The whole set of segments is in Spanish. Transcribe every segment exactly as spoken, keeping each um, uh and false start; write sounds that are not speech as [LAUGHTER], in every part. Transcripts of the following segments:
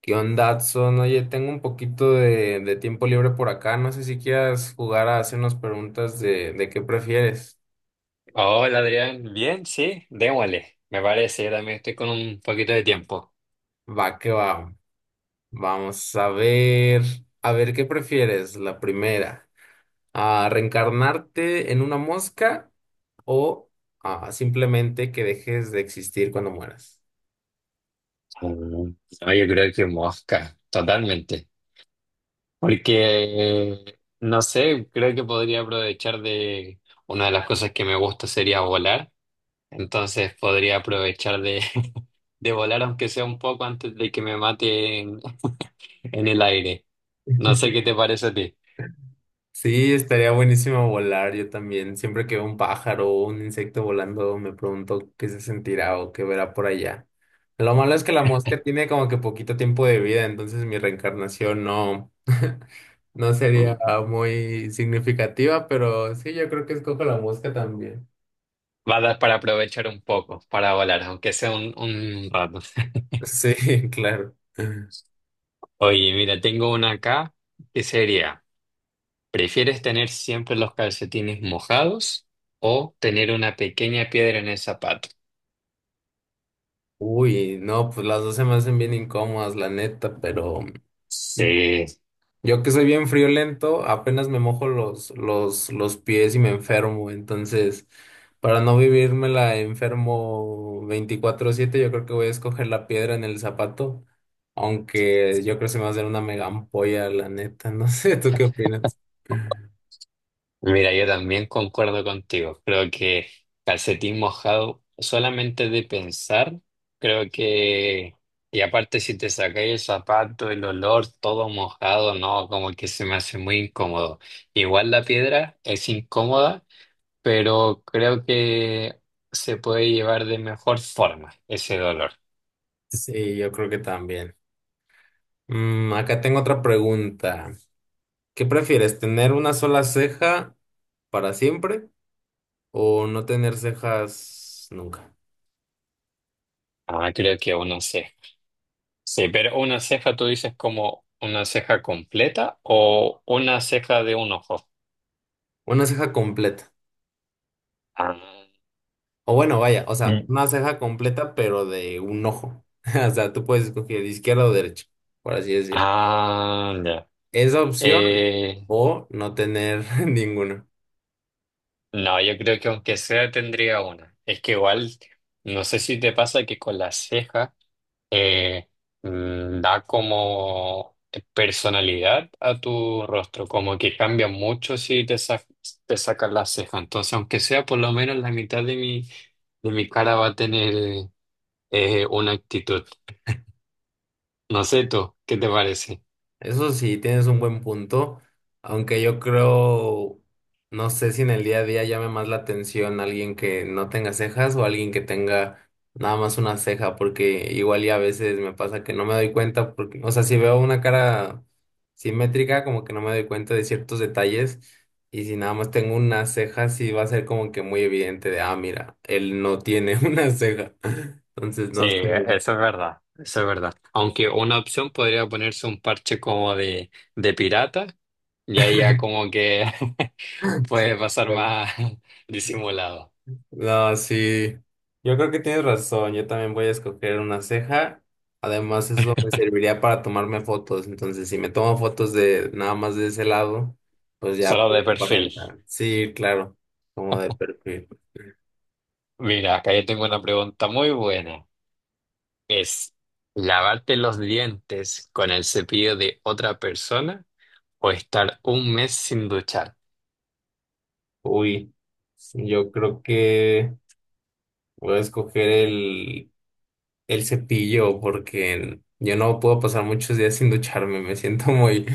¿Qué onda, Adson? Oye, tengo un poquito de, de tiempo libre por acá. No sé si quieras jugar a hacernos preguntas de, de qué prefieres. Hola Adrián, bien, sí, démosle, me parece, yo también estoy con un poquito de tiempo. Va, que va. Vamos a ver. A ver, ¿qué prefieres? La primera. ¿A reencarnarte en una mosca o ah, simplemente que dejes de existir cuando mueras? Mm, no, yo creo que mosca, totalmente, porque no sé, creo que podría aprovechar de una de las cosas que me gusta sería volar, entonces podría aprovechar de, [LAUGHS] de volar aunque sea un poco antes de que me mate en, en el aire. No sé qué te parece a ti. Sí, estaría buenísimo volar. Yo también, siempre que veo un pájaro o un insecto volando, me pregunto qué se sentirá o qué verá por allá. Lo malo es que la mosca tiene como que poquito tiempo de vida, entonces mi reencarnación no, [LAUGHS] no sería muy significativa, pero sí, yo creo que escojo la mosca también. Va a dar para aprovechar un poco, para volar, aunque sea un, un rato. Sí, [LAUGHS] claro. Oye, mira, tengo una acá que sería, ¿prefieres tener siempre los calcetines mojados o tener una pequeña piedra en el zapato? Uy, no, pues las dos se me hacen bien incómodas, la neta, pero Sí, yo, que soy bien friolento, apenas me mojo los, los, los pies y me enfermo. Entonces, para no la enfermo veinticuatro siete, yo creo que voy a escoger la piedra en el zapato. Aunque yo creo que se me va a hacer una mega ampolla, la neta. [LAUGHS] No sé, ¿tú qué opinas? mira, yo también concuerdo contigo. Creo que calcetín mojado, solamente de pensar, creo que, y aparte si te sacáis el zapato, el olor, todo mojado, no, como que se me hace muy incómodo. Igual la piedra es incómoda pero creo que se puede llevar de mejor forma ese dolor. Sí, yo creo que también. Mm, acá tengo otra pregunta. ¿Qué prefieres, tener una sola ceja para siempre o no tener cejas nunca? Ah, creo que una ceja. Sí, pero una ceja tú dices como una ceja completa o una ceja de un ojo. Una ceja completa. Ah, O bueno, vaya, o sea, una mm. ceja completa, pero de un ojo. [LAUGHS] O sea, tú puedes escoger izquierda o derecha, por así decirlo. Ah, ya. Esa opción Eh, o no tener [LAUGHS] ninguna. no, yo creo que aunque sea tendría una. Es que igual, no sé si te pasa que con la ceja eh, mm, da como personalidad a tu rostro, como que cambia mucho si te, sa- te sacas la ceja. Entonces, aunque sea por lo menos la mitad de mi, de mi cara va a tener eh, una actitud. No sé tú, ¿qué te parece? Eso sí, tienes un buen punto, aunque yo creo, no sé si en el día a día llame más la atención alguien que no tenga cejas o alguien que tenga nada más una ceja, porque igual y a veces me pasa que no me doy cuenta, porque, o sea, si veo una cara simétrica, como que no me doy cuenta de ciertos detalles, y si nada más tengo una ceja, sí va a ser como que muy evidente de, ah, mira, él no tiene [LAUGHS] una ceja. Entonces, Sí, no eso es verdad, eso es verdad. Aunque una opción podría ponerse un parche como de, de pirata y ahí ya como que [LAUGHS] puede sé. pasar [LAUGHS] más [LAUGHS] disimulado, No, sí. Yo creo que tienes razón. Yo también voy a escoger una ceja. Además, eso me serviría para tomarme fotos. Entonces, si me tomo fotos de nada más de ese lado, pues ya solo de puedo perfil. aparentar. Sí, claro, como de perfil. Mira, acá yo tengo una pregunta muy buena. ¿Es lavarte los dientes con el cepillo de otra persona o estar un mes sin duchar? Uy, yo creo que voy a escoger el, el cepillo, porque yo no puedo pasar muchos días sin ducharme. Me siento muy,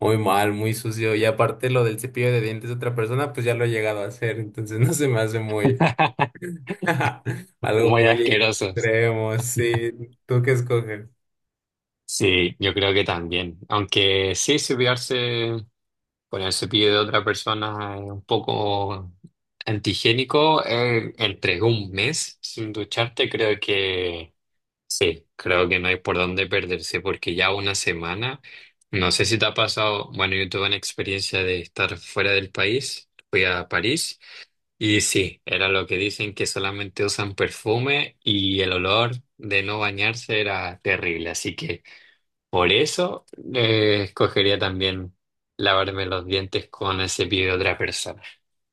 muy mal, muy sucio. Y aparte, lo del cepillo de dientes de otra persona, pues ya lo he llegado a hacer. Entonces, [LAUGHS] no se me hace muy [LAUGHS] [LAUGHS] algo Muy muy asquerosos. extremo, sí. ¿Tú qué escoges? Sí, yo creo que también. Aunque sí, cepillarse con el cepillo de otra persona es un poco antihigiénico, eh, entre un mes sin ducharte, creo que sí, creo que no hay por dónde perderse porque ya una semana, no sé si te ha pasado, bueno, yo tuve una experiencia de estar fuera del país, fui a París y sí, era lo que dicen que solamente usan perfume y el olor de no bañarse era terrible, así que por eso eh, escogería también lavarme los dientes con el cepillo de otra persona.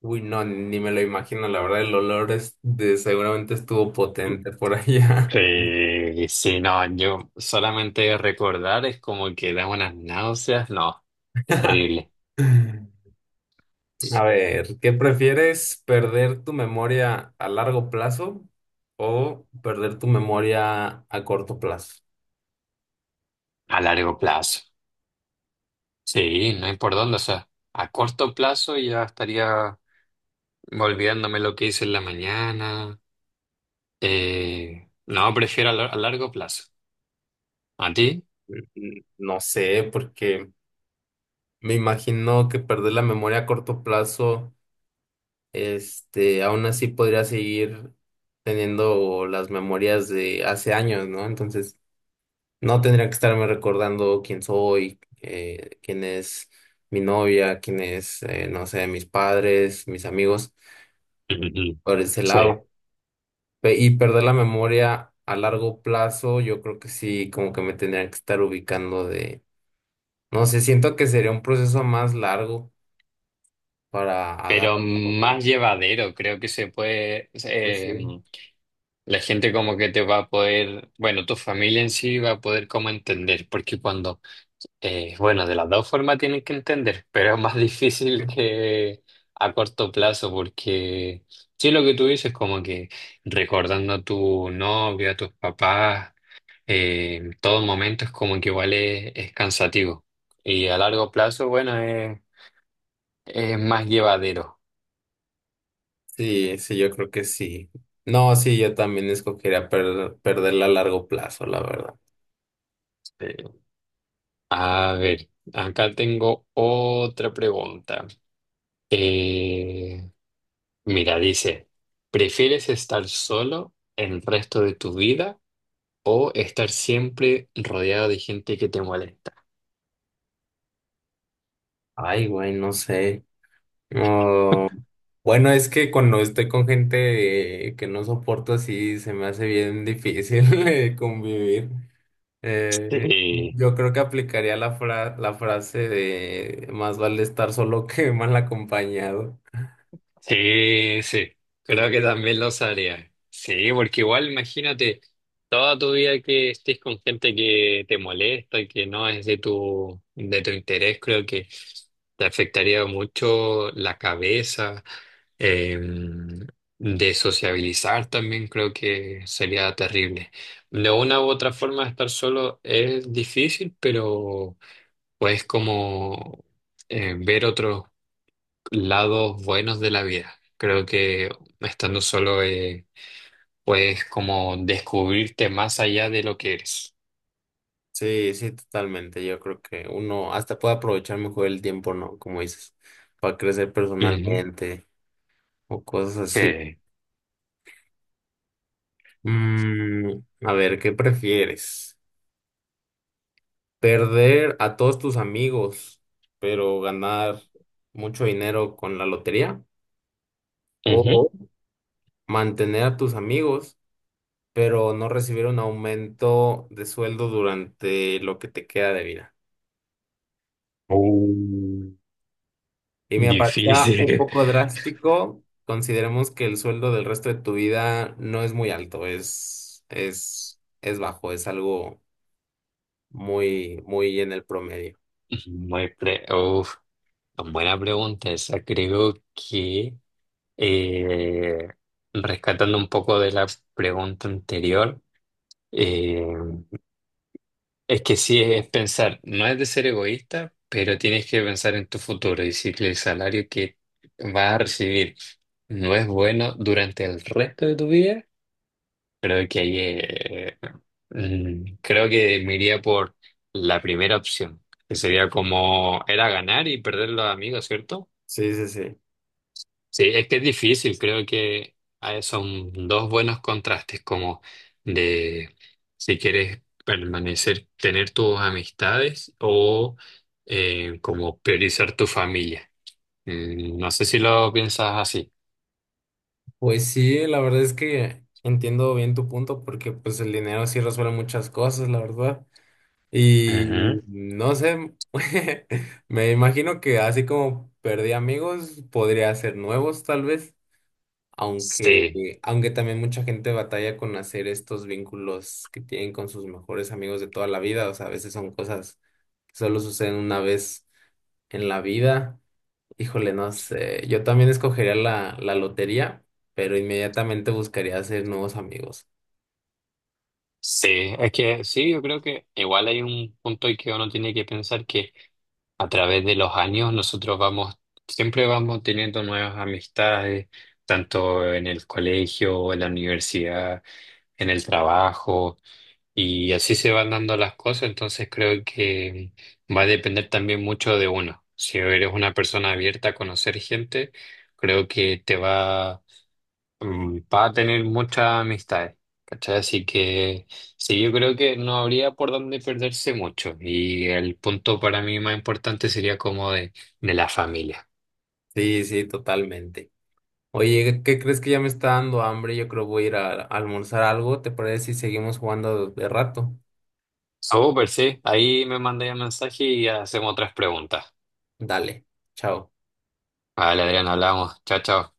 Uy, no, ni me lo imagino. La verdad, el olor es de, seguramente estuvo potente por allá. Sí, sí, no, yo solamente de recordar es como que da unas náuseas, no, [LAUGHS] terrible, A ver, ¿qué prefieres? ¿Perder tu memoria a largo plazo o perder tu memoria a corto plazo? a largo plazo. Sí, no hay por dónde, o sea, a corto plazo ya estaría olvidándome lo que hice en la mañana. Eh, no, prefiero a, lar- a largo plazo. ¿A ti? Mm, mm, No sé, porque me imagino que perder la memoria a corto plazo, este, aún así podría seguir teniendo las memorias de hace años, ¿no? Entonces, no tendría que estarme recordando quién soy, eh, quién es mi novia, quién es, eh, no sé, mis padres, mis amigos, Ujú. por ese Sí. lado. Pe- Y perder la memoria a largo plazo, yo creo que sí, como que me tendría que estar ubicando de, no sé, siento que sería un proceso más largo para agarrar Pero la onda. más llevadero, creo que se puede, Pues sí. eh, la gente como que te va a poder, bueno, tu familia en sí va a poder como entender, porque cuando Eh, bueno, de las dos formas tienen que entender, pero es más [LAUGHS] difícil que a corto plazo, porque sí lo que tú dices, como que recordando a tu novia, a tus papás, eh, en todo momento es como que igual es, es cansativo. Y a largo plazo, bueno, es, es más llevadero. Sí, sí, yo creo que sí. No, sí, yo también escogería perder, perderla a largo plazo, la verdad. Eh, a ver, acá tengo otra pregunta. Eh, mira, dice, ¿prefieres estar solo el resto de tu vida? ¿O estar siempre rodeado de gente que te molesta? Ay, güey, no sé. No. Bueno, es que cuando estoy con gente eh, que no soporto así, se me hace bien difícil [LAUGHS] eh, convivir. Eh, Sí, yo creo que aplicaría la fra- la frase de más vale estar solo que mal acompañado. sí, sí. Creo que también lo haría. Sí, porque igual imagínate toda tu vida que estés con gente que te molesta y que no es de tu, de tu interés, creo que te afectaría mucho la cabeza, eh, de sociabilizar también creo que sería terrible. De una u otra forma estar solo es difícil, pero puedes como eh, ver otros lados buenos de la vida. Creo que estando solo eh, puedes como descubrirte más allá de lo que eres. Sí, sí, totalmente. Yo creo que uno hasta puede aprovechar mejor el tiempo, ¿no? Como dices, para crecer Ujú. personalmente o cosas así. Sí. Mm, a ver, ¿qué prefieres? ¿Perder a todos tus amigos, pero ganar mucho dinero con la lotería? Ujú. ¿O mantener a tus amigos, pero no recibir un aumento de sueldo durante lo que te queda de vida? Uh, Y me parecía un difícil. poco drástico. Consideremos que el sueldo del resto de tu vida no es muy alto, es, es, es bajo, es algo muy, muy en el promedio. [LAUGHS] Muy pre- uf, buena pregunta esa. Creo que eh, rescatando un poco de la pregunta anterior, es que sí, es pensar, no es de ser egoísta, pero tienes que pensar en tu futuro y si el salario que vas a recibir no es bueno durante el resto de tu vida, creo que ahí eh, mm, creo que me iría por la primera opción, que sería como era ganar y perder los amigos, ¿cierto? Sí, sí, sí. Sí, es que es difícil, creo que ah, son dos buenos contrastes, como de si quieres permanecer, tener tus amistades o eh, como priorizar tu familia. Mm, no sé si lo piensas así. Pues sí, la verdad es que entiendo bien tu punto, porque pues el dinero sí resuelve muchas cosas, la verdad. Y Ujú. no sé, [LAUGHS] me imagino que así como perdí amigos, podría hacer nuevos tal vez. Aunque, Sí, eh, aunque también mucha gente batalla con hacer estos vínculos que tienen con sus mejores amigos de toda la vida, o sea, a veces son cosas que solo suceden una vez en la vida. Híjole, no sé, yo también escogería la, la lotería, pero inmediatamente buscaría hacer nuevos amigos. sí, es que sí, yo creo que igual hay un punto en que uno tiene que pensar que a través de los años nosotros vamos, siempre vamos teniendo nuevas amistades, tanto en el colegio, en la universidad, en el trabajo, y así se van dando las cosas, entonces creo que va a depender también mucho de uno. Si eres una persona abierta a conocer gente, creo que te va mm, va a tener muchas amistades, ¿cachai? Así que sí, yo creo que no habría por dónde perderse mucho. Y el punto para mí más importante sería como de, de la familia. Sí, sí, totalmente. Oye, ¿qué crees? Que ya me está dando hambre. Yo creo voy a ir a, a almorzar algo. ¿Te parece si seguimos jugando de rato? Súper, sí. Ahí me mandé un mensaje y hacemos otras preguntas. Dale, chao. Vale, Adrián, hablamos. Chao, chao.